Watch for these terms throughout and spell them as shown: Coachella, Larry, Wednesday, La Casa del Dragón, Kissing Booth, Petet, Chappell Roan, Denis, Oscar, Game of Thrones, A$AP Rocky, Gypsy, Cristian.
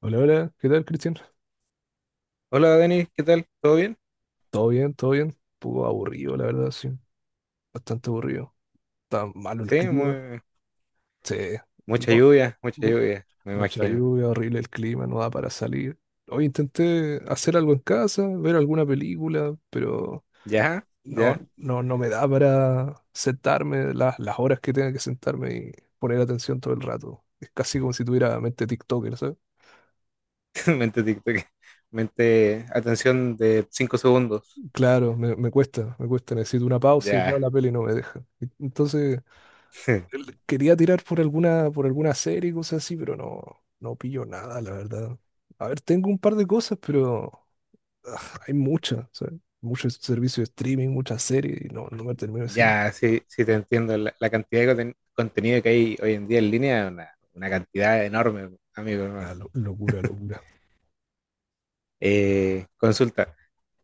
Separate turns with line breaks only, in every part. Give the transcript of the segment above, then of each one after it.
Hola, hola, ¿qué tal, Cristian?
Hola Denis, ¿qué tal? ¿Todo bien?
¿Todo bien? ¿Todo bien? Un poco aburrido, la verdad, sí. Bastante aburrido. Está malo el
Sí,
clima.
muy,
Sí, no,
mucha
mu-
lluvia, me
mucha
imagino.
lluvia, horrible el clima, no da para salir. Hoy intenté hacer algo en casa, ver alguna película, pero
¿Ya?
no,
¿Ya?
no, no me da para sentarme las horas que tenga que sentarme y poner atención todo el rato. Es casi como si tuviera mente TikToker, ¿sabes?
Mente TikTok. Mente, atención de 5 segundos.
Claro, me cuesta, me cuesta, necesito una pausa y
Ya,
claro, la peli no me deja. Entonces quería tirar por alguna serie y cosas así, pero no, no pillo nada, la verdad. A ver, tengo un par de cosas, pero hay muchas, o sea, muchos servicios de streaming, muchas series, y no, no me termino sin
ya, sí, sí te entiendo. La cantidad de contenido que hay hoy en día en línea es una cantidad enorme, amigo
nada,
hermano.
locura, locura.
Consulta,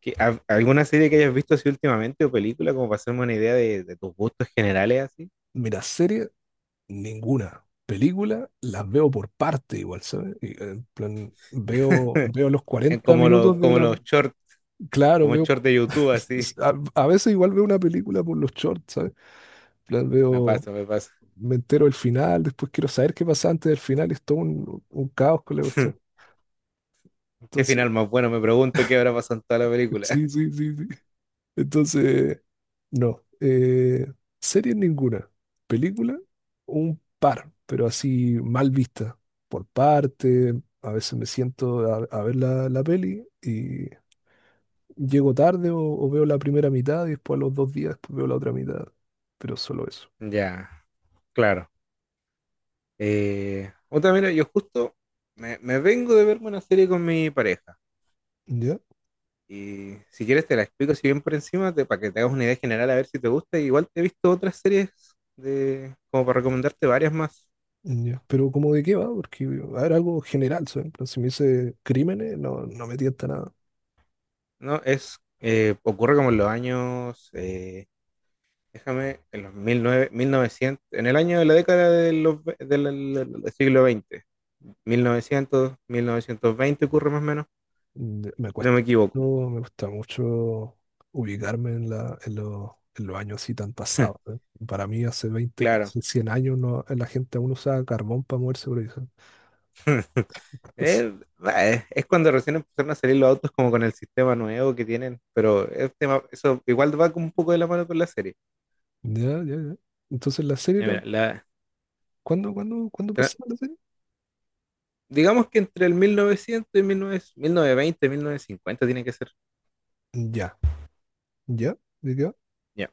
¿alguna serie que hayas visto así últimamente o película como para hacerme una idea de tus gustos generales así?
Mira, serie, ninguna. Película, las veo por parte igual, ¿sabes? Y, en plan, veo, veo los
En
40
como, lo,
minutos de
como
la...
los shorts,
Claro,
como
veo...
short de YouTube así.
A veces igual veo una película por los shorts, ¿sabes? En plan,
Me
veo,
pasa, me pasa.
me entero el final, después quiero saber qué pasa antes del final, y es todo un caos con la cuestión.
Qué
Entonces,
final más bueno, me pregunto qué habrá pasado en toda la película.
sí, sí, sí, sí. Entonces, no. Series ninguna. Película, un par, pero así mal vista. Por parte, a veces me siento a ver la peli y llego tarde o veo la primera mitad y después a los dos días después veo la otra mitad. Pero solo eso.
Ya, claro. Mira, yo justo me vengo de verme una serie con mi pareja.
¿Ya?
Y si quieres te la explico así bien por encima, para que te hagas una idea general a ver si te gusta. Igual te he visto otras series como para recomendarte varias más.
Ya, pero cómo, de qué va, porque a ver, algo general, ¿sabes? En plan, si me dice crímenes, no, no me tienta nada.
¿No? Ocurre como en los años en los 1900 en el año de la década de los, ve- del, del- del siglo XX, 1900, 1920 ocurre más o menos,
Me
si no
cuesta.
me equivoco.
No me gusta mucho ubicarme en, la, en los años así tan pasados, ¿sabes? Para mí hace 20,
Claro.
hace 100 años, no, la gente aún usaba carbón para moverse por ahí, ¿sabes?
Es, es cuando recién empezaron a salir los autos como con el sistema nuevo que tienen, pero eso igual va como un poco de la mano con la serie.
Ya, ya, ya. Entonces la serie era,
Mira,
¿cuándo, cuándo, cuándo pasaba la serie?
digamos que entre el 1900 y 1900, 1920 1950 tiene que ser.
Ya, ya, ¿de qué va?
Ya.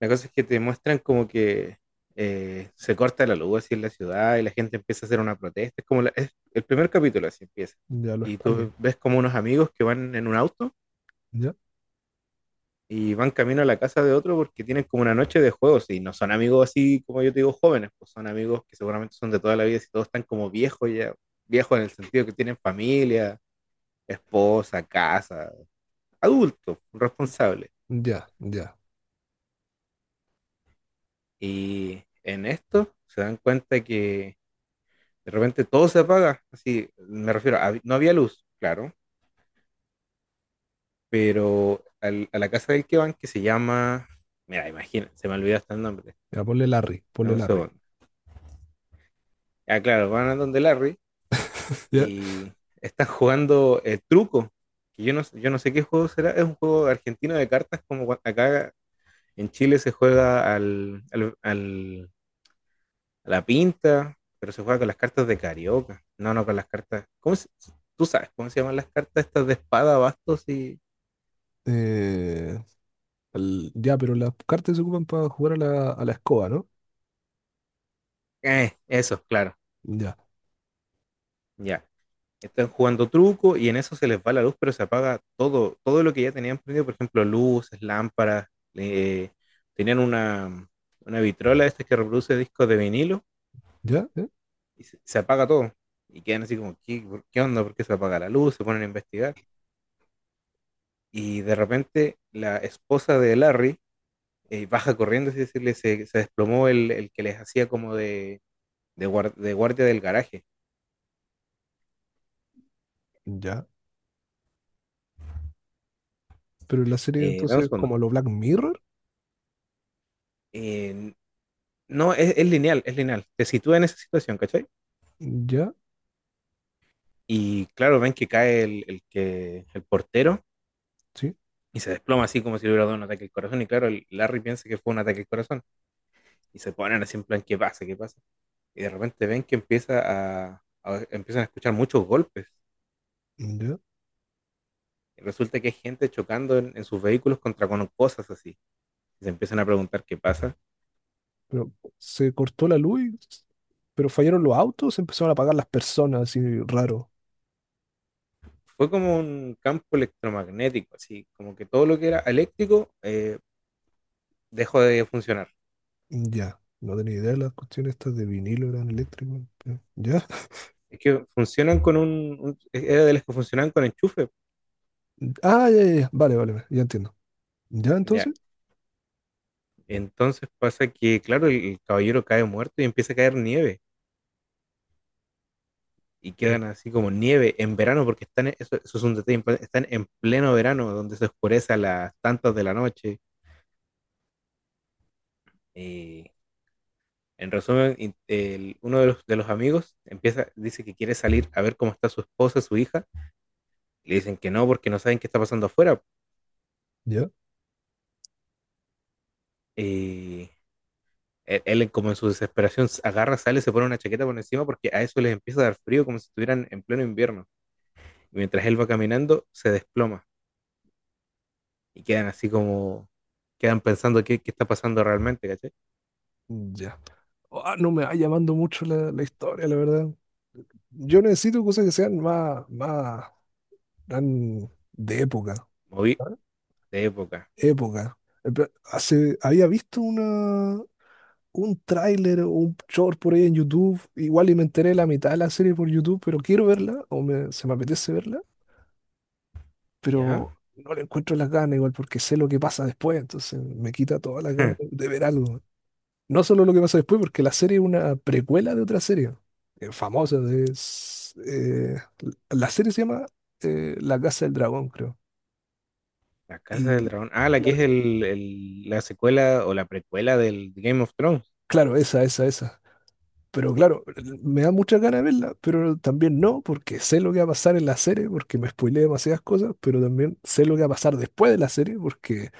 La cosa es que te muestran como que se corta la luz así en la ciudad y la gente empieza a hacer una protesta. Es como es el primer capítulo así empieza.
Ya, lo
Y
España,
tú ves como unos amigos que van en un auto
ya,
y van camino a la casa de otro porque tienen como una noche de juegos y no son amigos así como yo te digo jóvenes, pues son amigos que seguramente son de toda la vida y todos están como viejos ya, viejos en el sentido que tienen familia, esposa, casa, adultos, responsables.
ya, ya.
Y en esto se dan cuenta que de repente todo se apaga, así, me refiero, no había luz, claro, pero a la casa del que van, que se llama, mira, imagina, se me olvidó hasta el nombre,
Ya, ponle Larry, ponle
dame un
Larry.
segundo. Ah, claro, van a donde Larry
¿Ya?
y están jugando el truco, que yo no sé qué juego será, es un juego argentino de cartas, como acá en Chile se juega a la pinta, pero se juega con las cartas de carioca, no, no, con las cartas, tú sabes cómo se llaman las cartas estas de espada, bastos y...
Eh, ya, pero las cartas se ocupan para jugar a la escoba, ¿no?
Eso, claro,
Ya,
ya. Están jugando truco y en eso se les va la luz, pero se apaga todo, todo lo que ya tenían prendido, por ejemplo, luces, lámparas, eh, tenían una vitrola esta que reproduce discos de vinilo
ya, ¿eh?
y se apaga todo. Y quedan así como, ¿Qué onda? ¿Por qué se apaga la luz? Se ponen a investigar. Y de repente la esposa de Larry baja corriendo, así decirle, se desplomó el que les hacía como de, de guardia del garaje.
Ya. Pero la serie
Dame un
entonces,
segundo.
como lo Black Mirror,
Eh, No, es lineal, es lineal. Te sitúa en esa situación, ¿cachai?
ya,
Y claro, ven que cae el portero
sí,
y se desploma así como si le hubiera dado un ataque al corazón. Y claro, el Larry piensa que fue un ataque al corazón. Y se ponen así en plan, ¿qué pasa? ¿Qué pasa? Y de repente ven que empieza empiezan a escuchar muchos golpes.
ya.
Y resulta que hay gente chocando en sus vehículos contra con cosas así. Y se empiezan a preguntar qué pasa.
Pero se cortó la luz, pero fallaron los autos, se empezaron a apagar las personas, así raro.
Fue como un campo electromagnético, así como que todo lo que era eléctrico dejó de funcionar.
Ya, no tenía idea de las cuestiones estas de vinilo, eran eléctricos. Ya.
Es que funcionan con un. Era de las que funcionaban con enchufe.
Ah, ya, ya, ya. Vale, vale, vale, ya entiendo. Ya,
Ya.
entonces,
Entonces pasa que, claro, el caballero cae muerto y empieza a caer nieve. Y
oh,
quedan así como nieve en verano, porque están, eso es un detalle importante, están en pleno verano, donde se oscurece a las tantas de la noche. Eh, en resumen, uno de los amigos empieza, dice que quiere salir a ver cómo está su esposa, su hija. Le dicen que no, porque no saben qué está pasando afuera.
ya,
Eh, él como en su desesperación agarra, sale, se pone una chaqueta por encima porque a eso les empieza a dar frío como si estuvieran en pleno invierno. Y mientras él va caminando, se desploma y quedan pensando qué está pasando realmente, ¿cachai?
ya. Ah, no me va llamando mucho la, la historia, la verdad. Yo necesito cosas que sean más, más, eran de época,
Moví de época,
época. Hace, había visto una, un tráiler o un short por ahí en YouTube, igual y me enteré de la mitad de la serie por YouTube, pero quiero verla, o se me apetece verla,
¿ya?
pero no le encuentro las ganas igual porque sé lo que pasa después, entonces me quita todas las ganas de ver algo. No solo lo que pasa después, porque la serie es una precuela de otra serie famosa. Es, la serie se llama La Casa del Dragón, creo.
La Casa del
Y
Dragón. Ah, la que
claro,
es la secuela o la precuela del Game of Thrones.
claro, esa, esa, esa. Pero claro, me da muchas ganas de verla, pero también no, porque sé lo que va a pasar en la serie, porque me spoileé demasiadas cosas, pero también sé lo que va a pasar después de la serie, porque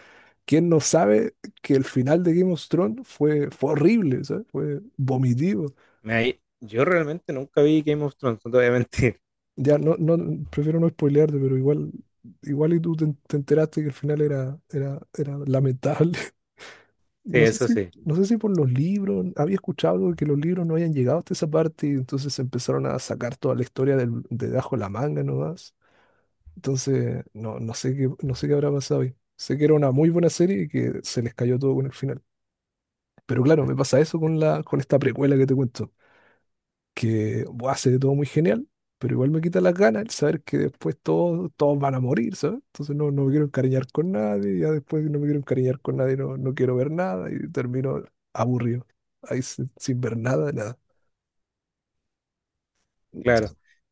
quién no sabe que el final de Game of Thrones fue, fue horrible, ¿sabes? Fue vomitivo.
Mira, yo realmente nunca vi Game of Thrones, no te voy a mentir.
Ya no, no, prefiero no spoilearte, pero igual, igual y tú te, te enteraste que el final era, era, era lamentable.
Sí,
No sé
eso
si,
sí,
no sé si por los libros, había escuchado algo de que los libros no habían llegado hasta esa parte y entonces empezaron a sacar toda la historia del, de bajo la manga nomás. Entonces, no, no sé qué, no sé qué habrá pasado ahí. Sé que era una muy buena serie y que se les cayó todo con el final. Pero claro, me pasa eso con la, con esta precuela que te cuento que buah, se ve todo muy genial, pero igual me quita las ganas el saber que después todos, todos van a morir, ¿sabes? Entonces no, no me quiero encariñar con nadie, ya después no me quiero encariñar con nadie, no, no quiero ver nada y termino aburrido, ahí sin, sin ver nada, nada.
claro.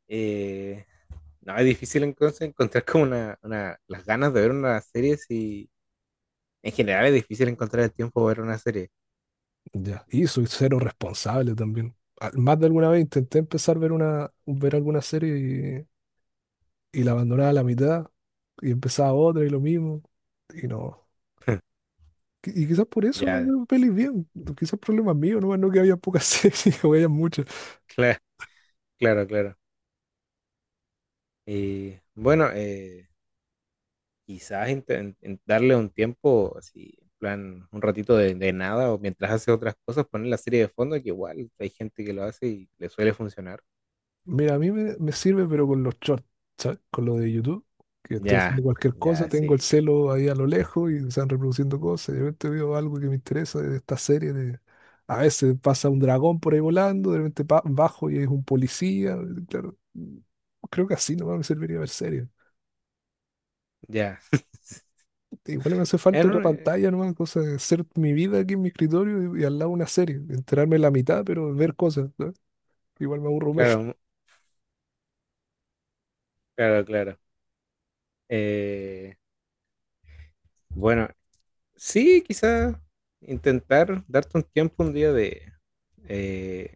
Eh, No, es difícil entonces encontrar como una, las ganas de ver una serie si en general es difícil encontrar el tiempo para ver una serie.
Ya. Y soy cero responsable también. Más de alguna vez intenté empezar a ver una, ver alguna serie y la abandonaba a la mitad y empezaba otra y lo mismo y no. Y quizás por eso no
Ya,
veo pelis bien. Quizás problemas míos, no, no que había pocas series o había muchas.
claro, claro, claro. Y bueno, quizás en darle un tiempo, así, en plan, un ratito de nada o mientras hace otras cosas, poner la serie de fondo, que igual hay gente que lo hace y le suele funcionar.
Mira, a mí me, me sirve, pero con los shorts, ¿sabes? Con lo de YouTube, que estoy
Ya,
haciendo cualquier cosa,
ya,
tengo el
sí,
celo ahí a lo lejos y se están reproduciendo cosas. Y de repente veo algo que me interesa de esta serie. De... A veces pasa un dragón por ahí volando, de repente bajo y es un policía. Claro, mm, creo que así nomás me serviría ver series.
ya.
Igual me hace falta,
En
ya, una
un- eh,
pantalla nomás, cosa de hacer mi vida aquí en mi escritorio y al lado una serie. Enterarme la mitad, pero ver cosas, ¿sabes? Igual me aburro menos.
claro, claro, claro. Eh, bueno, sí, quizá intentar darte un tiempo un día eh,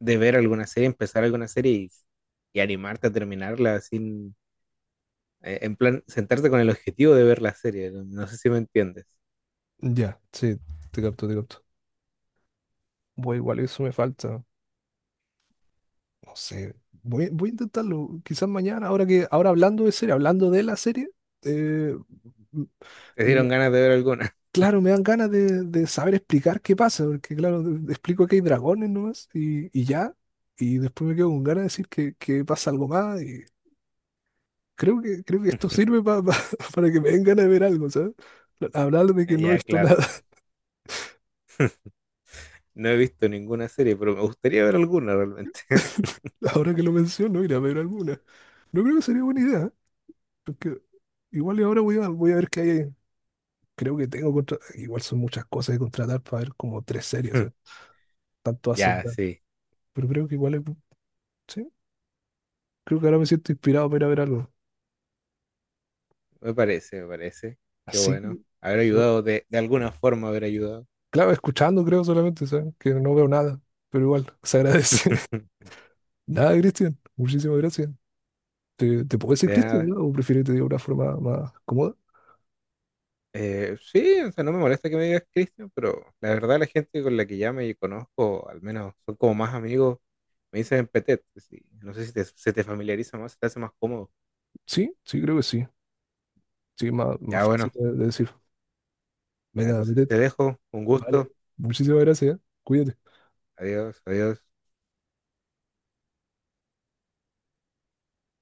de ver alguna serie, empezar alguna serie y animarte a terminarla sin, en plan, sentarte con el objetivo de ver la serie. No, no sé si me entiendes.
Ya, sí, te capto, te capto. Bueno, igual eso me falta. No sé, voy, voy a intentarlo. Quizás mañana, ahora que, ahora hablando de serie, hablando de la serie, eh, m-
¿Te
me-
dieron ganas de ver alguna?
claro, me dan ganas de saber explicar qué pasa, porque claro, explico que hay dragones nomás y ya, y después me quedo con ganas de decir que pasa algo más, y creo que esto sirve para que me den ganas de ver algo, ¿sabes? Hablar de que no he
Ya,
visto
claro.
nada,
No he visto ninguna serie, pero me gustaría ver alguna realmente.
ahora que lo menciono, ir a ver alguna. No creo que sería buena idea, ¿eh? Porque igual y ahora voy a, voy a ver qué hay. Creo que tengo igual son muchas cosas que contratar para ver como 3 series, ¿eh? Tanto hace,
Ya,
¿verdad?
sí.
Pero creo que igual sí, creo que ahora me siento inspirado para ir a ver algo.
Me parece, me parece. Qué
Así, que,
bueno. Haber
yo-
ayudado de alguna forma, haber ayudado.
claro, escuchando creo solamente, ¿sabes? Que no veo nada, pero igual se agradece. Nada, Cristian, muchísimas gracias. ¿Te, te puedo decir
De
Cristian,
nada.
¿verdad? O prefieres que te diga una forma más cómoda?
Sí, o sea, no me molesta que me digas Cristian, pero la verdad, la gente con la que ya me conozco, al menos son como más amigos, me dicen Petet. Sí. No sé si se te familiariza más, se te hace más cómodo.
Sí, sí, creo que sí. Sí, más, más
Ya
fácil
bueno,
de decir.
ya,
Venga,
entonces
metete.
te dejo, un
Vale,
gusto,
muchísimas gracias, ¿eh? Cuídate.
adiós, adiós.